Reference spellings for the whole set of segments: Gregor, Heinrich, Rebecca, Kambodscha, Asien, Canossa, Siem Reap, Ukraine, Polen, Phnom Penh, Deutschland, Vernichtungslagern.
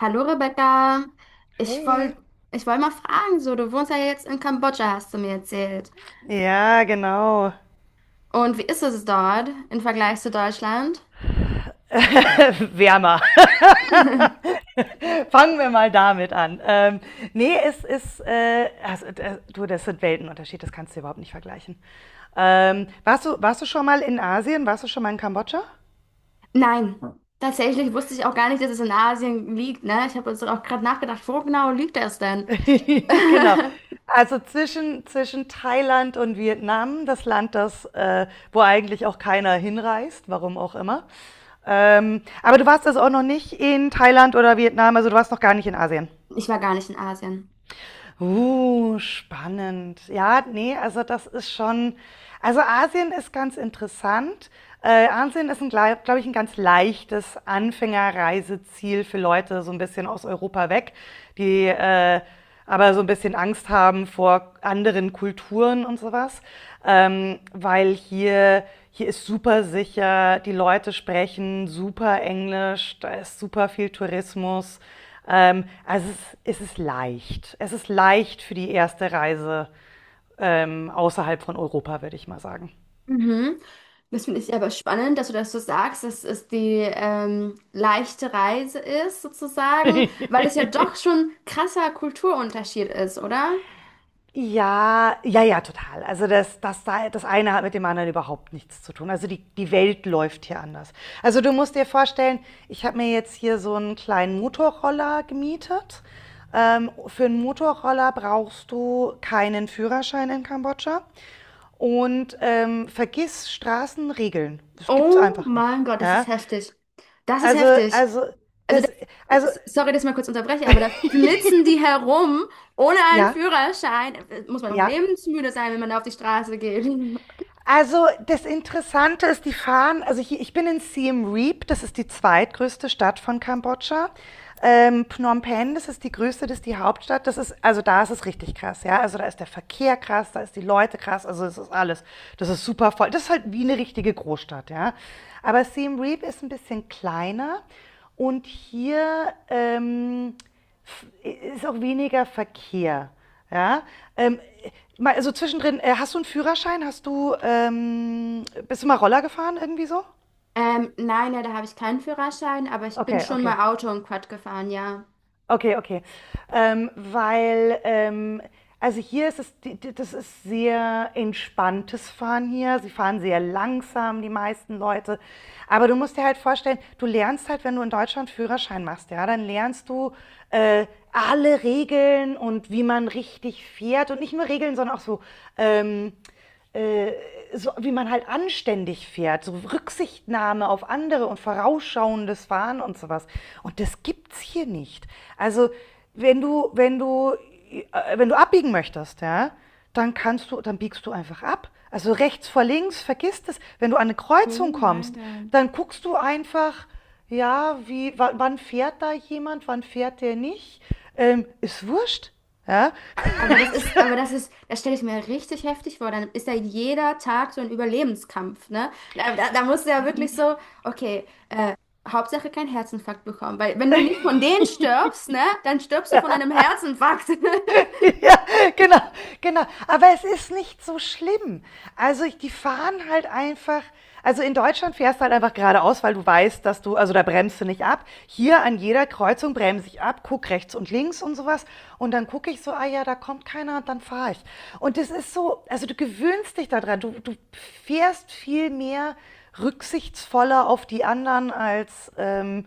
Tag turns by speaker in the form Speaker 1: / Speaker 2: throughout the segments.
Speaker 1: Hallo Rebecca, ich
Speaker 2: Hey.
Speaker 1: wollte ich wollt mal fragen, so du wohnst ja jetzt in Kambodscha, hast du mir erzählt.
Speaker 2: Ja, genau.
Speaker 1: Und wie ist es dort im Vergleich zu Deutschland?
Speaker 2: Wärmer. Fangen wir mal damit an. Nee, es ist, also, du, das sind Weltenunterschied, das kannst du überhaupt nicht vergleichen. Warst du schon mal in Asien? Warst du schon mal in Kambodscha?
Speaker 1: Nein, tatsächlich wusste ich auch gar nicht, dass es in Asien liegt, ne? Ich habe uns auch gerade nachgedacht, wo genau liegt das denn?
Speaker 2: Genau. Also zwischen Thailand und Vietnam, das Land, wo eigentlich auch keiner hinreist, warum auch immer. Aber du warst also auch noch nicht in Thailand oder Vietnam, also du warst noch gar nicht in Asien.
Speaker 1: Ich war gar nicht in Asien.
Speaker 2: Spannend. Ja, nee, also das ist schon. Also Asien ist ganz interessant. Asien ist, glaube ich, ein ganz leichtes Anfängerreiseziel für Leute so ein bisschen aus Europa weg, die aber so ein bisschen Angst haben vor anderen Kulturen und sowas, ähm, weil hier, hier ist super sicher, die Leute sprechen super Englisch, da ist super viel Tourismus. Also es ist leicht. Es ist leicht für die erste Reise außerhalb von Europa, würde ich mal sagen.
Speaker 1: Mhm. Das finde ich aber spannend, dass du das so sagst, dass es die leichte Reise ist, sozusagen, weil es ja doch schon krasser Kulturunterschied ist, oder?
Speaker 2: Ja, ja, ja, total. Also das eine hat mit dem anderen überhaupt nichts zu tun. Also die Welt läuft hier anders. Also du musst dir vorstellen, ich habe mir jetzt hier so einen kleinen Motorroller gemietet. Für einen Motorroller brauchst du keinen Führerschein in Kambodscha. Und vergiss Straßenregeln. Das gibt's
Speaker 1: Oh
Speaker 2: einfach nicht.
Speaker 1: mein Gott, das ist
Speaker 2: Ja?
Speaker 1: heftig. Das ist
Speaker 2: Also,
Speaker 1: heftig.
Speaker 2: also,
Speaker 1: Also, da,
Speaker 2: das,
Speaker 1: äh,
Speaker 2: also,
Speaker 1: Sorry, dass ich mal kurz unterbreche, aber da flitzen die herum ohne einen
Speaker 2: ja,
Speaker 1: Führerschein. Muss man noch
Speaker 2: ja.
Speaker 1: lebensmüde sein, wenn man da auf die Straße geht.
Speaker 2: Also, das Interessante ist, die fahren, also hier, ich bin in Siem Reap, das ist die zweitgrößte Stadt von Kambodscha. Phnom Penh, das ist die größte, das ist die Hauptstadt. Das ist, also da ist es richtig krass, ja. Also da ist der Verkehr krass, da ist die Leute krass, also es ist alles. Das ist super voll. Das ist halt wie eine richtige Großstadt, ja. Aber Siem Reap ist ein bisschen kleiner und hier ist auch weniger Verkehr. Ja, ähm, mal, also zwischendrin, hast du einen Führerschein? Hast du, bist du mal Roller gefahren irgendwie so?
Speaker 1: Nein, ja, da habe ich keinen Führerschein, aber ich bin
Speaker 2: Okay,
Speaker 1: schon
Speaker 2: okay.
Speaker 1: mal Auto und Quad gefahren, ja.
Speaker 2: Okay, okay. Ähm, weil, ähm, also hier ist es, das ist sehr entspanntes Fahren hier. Sie fahren sehr langsam, die meisten Leute. Aber du musst dir halt vorstellen, du lernst halt, wenn du in Deutschland Führerschein machst, ja, dann lernst du äh, alle Regeln und wie man richtig fährt. Und nicht nur Regeln, sondern auch so ähm, äh, so wie man halt anständig fährt, so Rücksichtnahme auf andere und vorausschauendes Fahren und sowas. Und das gibt's hier nicht. Also wenn du, wenn du, wenn du abbiegen möchtest, ja, dann dann biegst du einfach ab. Also rechts vor links, vergiss das. Wenn du an eine Kreuzung
Speaker 1: Oh mein
Speaker 2: kommst,
Speaker 1: Gott.
Speaker 2: dann guckst du einfach, ja, wie, wann fährt da jemand, wann fährt der nicht. Ist wurscht. Ja?
Speaker 1: Aber das ist, das stelle ich mir richtig heftig vor. Dann ist ja jeder Tag so ein Überlebenskampf, ne? Da musst du ja wirklich so, okay, Hauptsache keinen Herzinfarkt bekommen. Weil wenn du nicht von denen stirbst, ne, dann stirbst du von einem Herzinfarkt.
Speaker 2: ja, genau, genau. Aber es ist nicht so schlimm. Also ich, die fahren halt einfach. Also in Deutschland fährst du halt einfach geradeaus, weil du weißt, dass du, also da bremst du nicht ab. Hier an jeder Kreuzung bremse ich ab, guck rechts und links und sowas. Und dann gucke ich so, ah ja, da kommt keiner und dann fahre ich. Und das ist so, also du gewöhnst dich daran. Du fährst viel mehr rücksichtsvoller auf die anderen als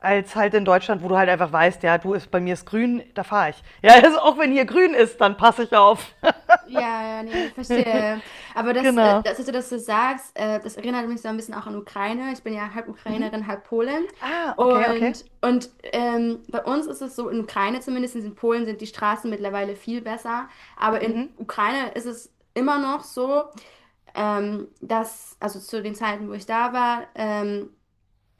Speaker 2: als halt in Deutschland, wo du halt einfach weißt, ja, du ist bei mir ist grün, da fahre ich. Ja, also auch wenn hier grün ist, dann passe ich auf.
Speaker 1: Ja, ja, nee, ich verstehe.
Speaker 2: Genau.
Speaker 1: Dass du das so sagst, das erinnert mich so ein bisschen auch an Ukraine. Ich bin ja halb Ukrainerin, halb Polin.
Speaker 2: Ah, okay, okay.
Speaker 1: Und, bei uns ist es so, in Ukraine zumindest, in Polen sind die Straßen mittlerweile viel besser. Aber in
Speaker 2: Mhm.
Speaker 1: Ukraine ist es immer noch so, dass, also zu den Zeiten, wo ich da war,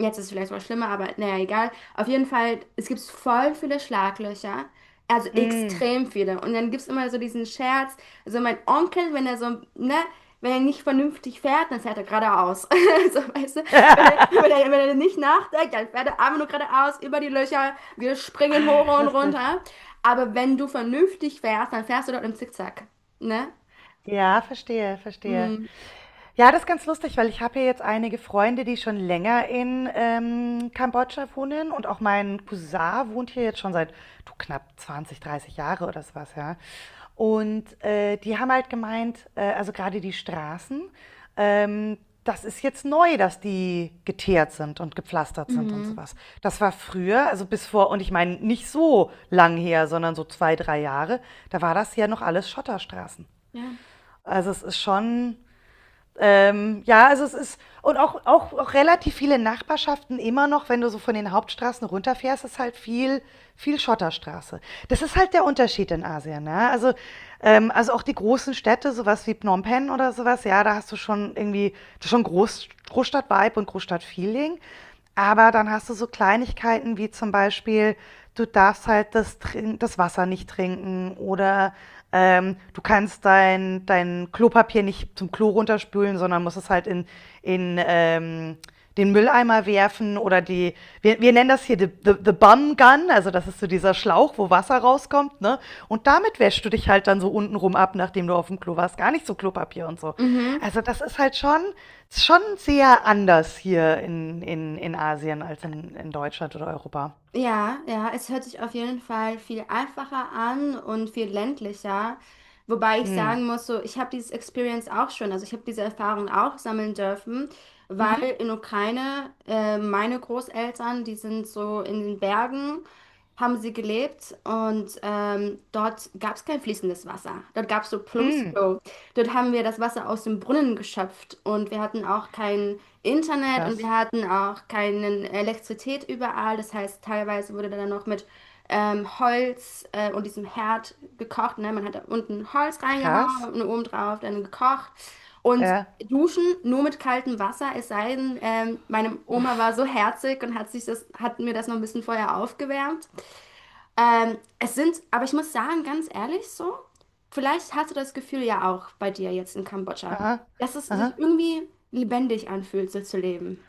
Speaker 1: jetzt ist es vielleicht mal schlimmer, aber naja, egal. Auf jeden Fall, es gibt voll viele Schlaglöcher. Also
Speaker 2: Mm.
Speaker 1: extrem viele. Und dann gibt es immer so diesen Scherz. Also mein Onkel, wenn er so, ne, wenn er nicht vernünftig fährt, dann fährt er geradeaus. So, weißt du? Wenn er, wenn er, wenn er nicht nachdenkt, dann fährt er einfach nur geradeaus über die Löcher. Wir springen
Speaker 2: Ach,
Speaker 1: hoch und
Speaker 2: lustig.
Speaker 1: runter. Aber wenn du vernünftig fährst, dann fährst du dort im Zickzack. Ne?
Speaker 2: Ja, verstehe, verstehe.
Speaker 1: Mhm.
Speaker 2: Ja, das ist ganz lustig, weil ich habe ja jetzt einige Freunde, die schon länger in Kambodscha wohnen und auch mein Cousin wohnt hier jetzt schon seit, du, knapp 20, 30 Jahre oder so was, ja. Und die haben halt gemeint, also gerade die Straßen, ähm, das ist jetzt neu, dass die geteert sind und gepflastert sind und so
Speaker 1: Mhm.
Speaker 2: was. Das war früher, also bis vor und ich meine nicht so lang her, sondern so 2, 3 Jahre, da war das ja noch alles Schotterstraßen.
Speaker 1: Ja.
Speaker 2: Also, es ist schon, ja, also es ist, und auch relativ viele Nachbarschaften immer noch, wenn du so von den Hauptstraßen runterfährst, ist halt viel Schotterstraße. Das ist halt der Unterschied in Asien, ne? Also auch die großen Städte, sowas wie Phnom Penh oder sowas, ja, da hast du schon irgendwie, das ist schon Groß, Großstadt-Vibe und Großstadt-Feeling. Aber dann hast du so Kleinigkeiten wie zum Beispiel, du darfst halt das Wasser nicht trinken oder du kannst dein Klopapier nicht zum Klo runterspülen, sondern musst es halt in den Mülleimer werfen oder die, wir nennen das hier the Bum Gun, also das ist so dieser Schlauch, wo Wasser rauskommt, ne? Und damit wäschst du dich halt dann so untenrum ab, nachdem du auf dem Klo warst. Gar nicht so Klopapier und so.
Speaker 1: Mhm.
Speaker 2: Also das ist halt schon ist schon sehr anders hier in Asien als in Deutschland oder Europa.
Speaker 1: Ja, ja, es hört sich auf jeden Fall viel einfacher an und viel ländlicher. Wobei ich
Speaker 2: Mhm.
Speaker 1: sagen muss, so, ich habe dieses Experience auch schon, also ich habe diese Erfahrung auch sammeln dürfen,
Speaker 2: Mhm.
Speaker 1: weil in Ukraine meine Großeltern, die sind so in den Bergen, haben sie gelebt und dort gab es kein fließendes Wasser. Dort gab es so
Speaker 2: Mhm.
Speaker 1: Plumpsklo. Dort haben wir das Wasser aus dem Brunnen geschöpft und wir hatten auch kein Internet und
Speaker 2: Krass.
Speaker 1: wir hatten auch keine Elektrizität überall. Das heißt, teilweise wurde dann noch mit Holz und diesem Herd gekocht. Ne? Man hat da unten Holz
Speaker 2: Krass.
Speaker 1: reingehauen und oben drauf dann gekocht. Und
Speaker 2: Ja.
Speaker 1: Duschen nur mit kaltem Wasser, es sei denn, meine Oma
Speaker 2: Uff.
Speaker 1: war so herzig und hat hat mir das noch ein bisschen vorher aufgewärmt. Es sind, aber ich muss sagen, ganz ehrlich so, vielleicht hast du das Gefühl ja auch bei dir jetzt in Kambodscha,
Speaker 2: Aha.
Speaker 1: dass es sich
Speaker 2: Aha.
Speaker 1: irgendwie lebendig anfühlt, so zu leben.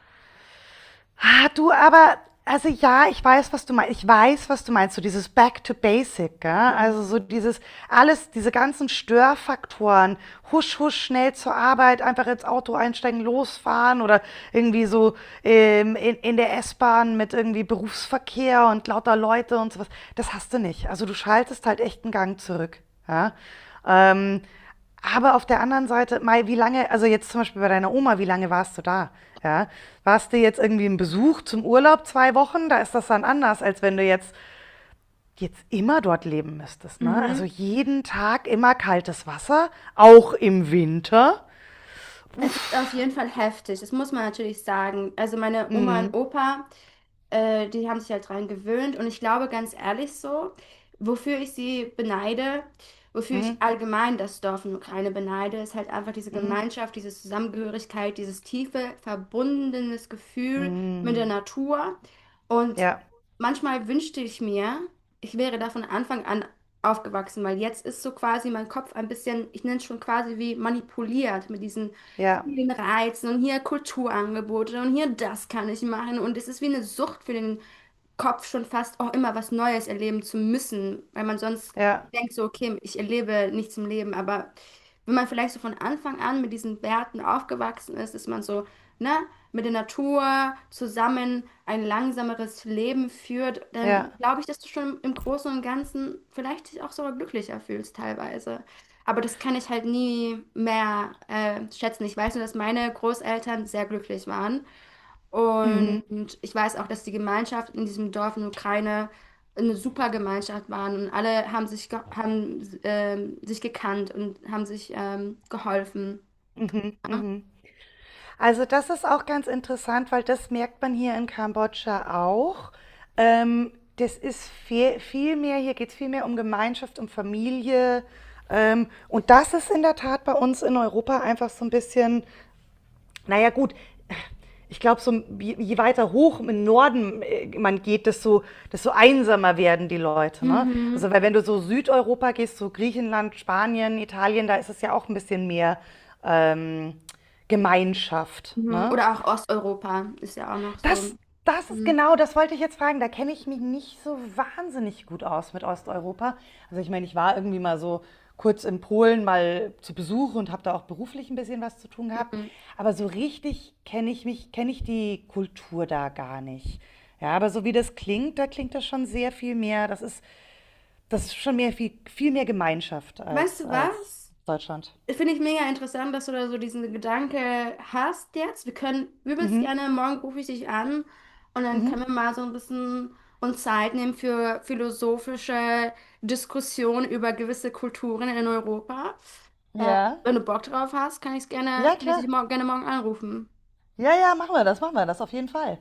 Speaker 2: Ah, du, aber, also ja, ich weiß, was du meinst. Ich weiß, was du meinst. So dieses Back to Basic, gell? Also
Speaker 1: Ja.
Speaker 2: so dieses, alles, diese ganzen Störfaktoren. Husch, husch, schnell zur Arbeit, einfach ins Auto einsteigen, losfahren oder irgendwie so in der S-Bahn mit irgendwie Berufsverkehr und lauter Leute und sowas. Das hast du nicht. Also du schaltest halt echt einen Gang zurück. Ja? Ähm, aber auf der anderen Seite, Mai, wie lange, also jetzt zum Beispiel bei deiner Oma, wie lange warst du da? Ja, warst du jetzt irgendwie im Besuch zum Urlaub 2 Wochen? Da ist das dann anders, als wenn du jetzt immer dort leben müsstest. Ne? Also
Speaker 1: Mhm.
Speaker 2: jeden Tag immer kaltes Wasser, auch im Winter.
Speaker 1: Es ist
Speaker 2: Uff.
Speaker 1: auf jeden Fall heftig, das muss man natürlich sagen. Also meine Oma und
Speaker 2: Mhm.
Speaker 1: Opa, die haben sich halt dran gewöhnt und ich glaube ganz ehrlich so, wofür ich sie beneide, wofür
Speaker 2: Mhm.
Speaker 1: ich allgemein das Dorf in der Ukraine beneide, ist halt einfach diese
Speaker 2: Mhm.
Speaker 1: Gemeinschaft, diese Zusammengehörigkeit, dieses tiefe, verbundenes Gefühl mit der
Speaker 2: Mhm.
Speaker 1: Natur. Und
Speaker 2: Ja,
Speaker 1: manchmal wünschte ich mir, ich wäre da von Anfang an aufgewachsen, weil jetzt ist so quasi mein Kopf ein bisschen, ich nenne es schon quasi wie manipuliert mit diesen
Speaker 2: ja,
Speaker 1: vielen Reizen und hier Kulturangebote und hier das kann ich machen. Und es ist wie eine Sucht für den Kopf schon fast auch immer was Neues erleben zu müssen, weil man sonst
Speaker 2: ja,
Speaker 1: denkt so, okay, ich erlebe nichts im Leben. Aber wenn man vielleicht so von Anfang an mit diesen Werten aufgewachsen ist, ist man so, ne, mit der Natur zusammen ein langsameres Leben führt, dann
Speaker 2: ja.
Speaker 1: glaube ich, dass du schon im Großen und Ganzen vielleicht dich auch sogar glücklicher fühlst teilweise. Aber das kann ich halt nie mehr schätzen. Ich weiß nur, dass meine Großeltern sehr glücklich waren. Und
Speaker 2: Mhm.
Speaker 1: ich weiß auch, dass die Gemeinschaft in diesem Dorf in der Ukraine eine super Gemeinschaft waren und alle haben sich gekannt und haben sich geholfen.
Speaker 2: Mhm. Mhm. Also das ist auch ganz interessant, weil das merkt man hier in Kambodscha auch. Das ist viel mehr, hier geht es viel mehr um Gemeinschaft, um Familie. Und das ist in der Tat bei uns in Europa einfach so ein bisschen naja gut, ich glaube, so, je, weiter hoch im Norden man geht, desto einsamer werden die Leute. Ne?
Speaker 1: Mhm.
Speaker 2: Also weil wenn du so Südeuropa gehst, so Griechenland, Spanien, Italien, da ist es ja auch ein bisschen mehr ähm, Gemeinschaft.
Speaker 1: Mhm.
Speaker 2: Ne?
Speaker 1: Oder auch Osteuropa ist ja auch noch so.
Speaker 2: Das, das ist
Speaker 1: Mhm.
Speaker 2: genau, das wollte ich jetzt fragen. Da kenne ich mich nicht so wahnsinnig gut aus mit Osteuropa. Also ich meine, ich war irgendwie mal so kurz in Polen mal zu Besuch und habe da auch beruflich ein bisschen was zu tun gehabt.
Speaker 1: Mhm.
Speaker 2: Aber so richtig kenne ich die Kultur da gar nicht. Ja, aber so wie das klingt, da klingt das schon sehr viel mehr. Das ist schon mehr viel mehr Gemeinschaft
Speaker 1: Weißt du
Speaker 2: als
Speaker 1: was?
Speaker 2: Deutschland.
Speaker 1: Finde ich mega interessant, dass du da so diesen Gedanke hast jetzt. Wir können übelst
Speaker 2: Mhm.
Speaker 1: gerne, morgen rufe ich dich an und dann können
Speaker 2: Mhm.
Speaker 1: wir mal so ein bisschen uns Zeit nehmen für philosophische Diskussionen über gewisse Kulturen in Europa. Äh,
Speaker 2: Ja.
Speaker 1: Wenn du Bock drauf hast,
Speaker 2: Ja,
Speaker 1: kann ich
Speaker 2: klar.
Speaker 1: dich morgen, gerne morgen anrufen.
Speaker 2: Ja, ja, machen wir das auf jeden Fall.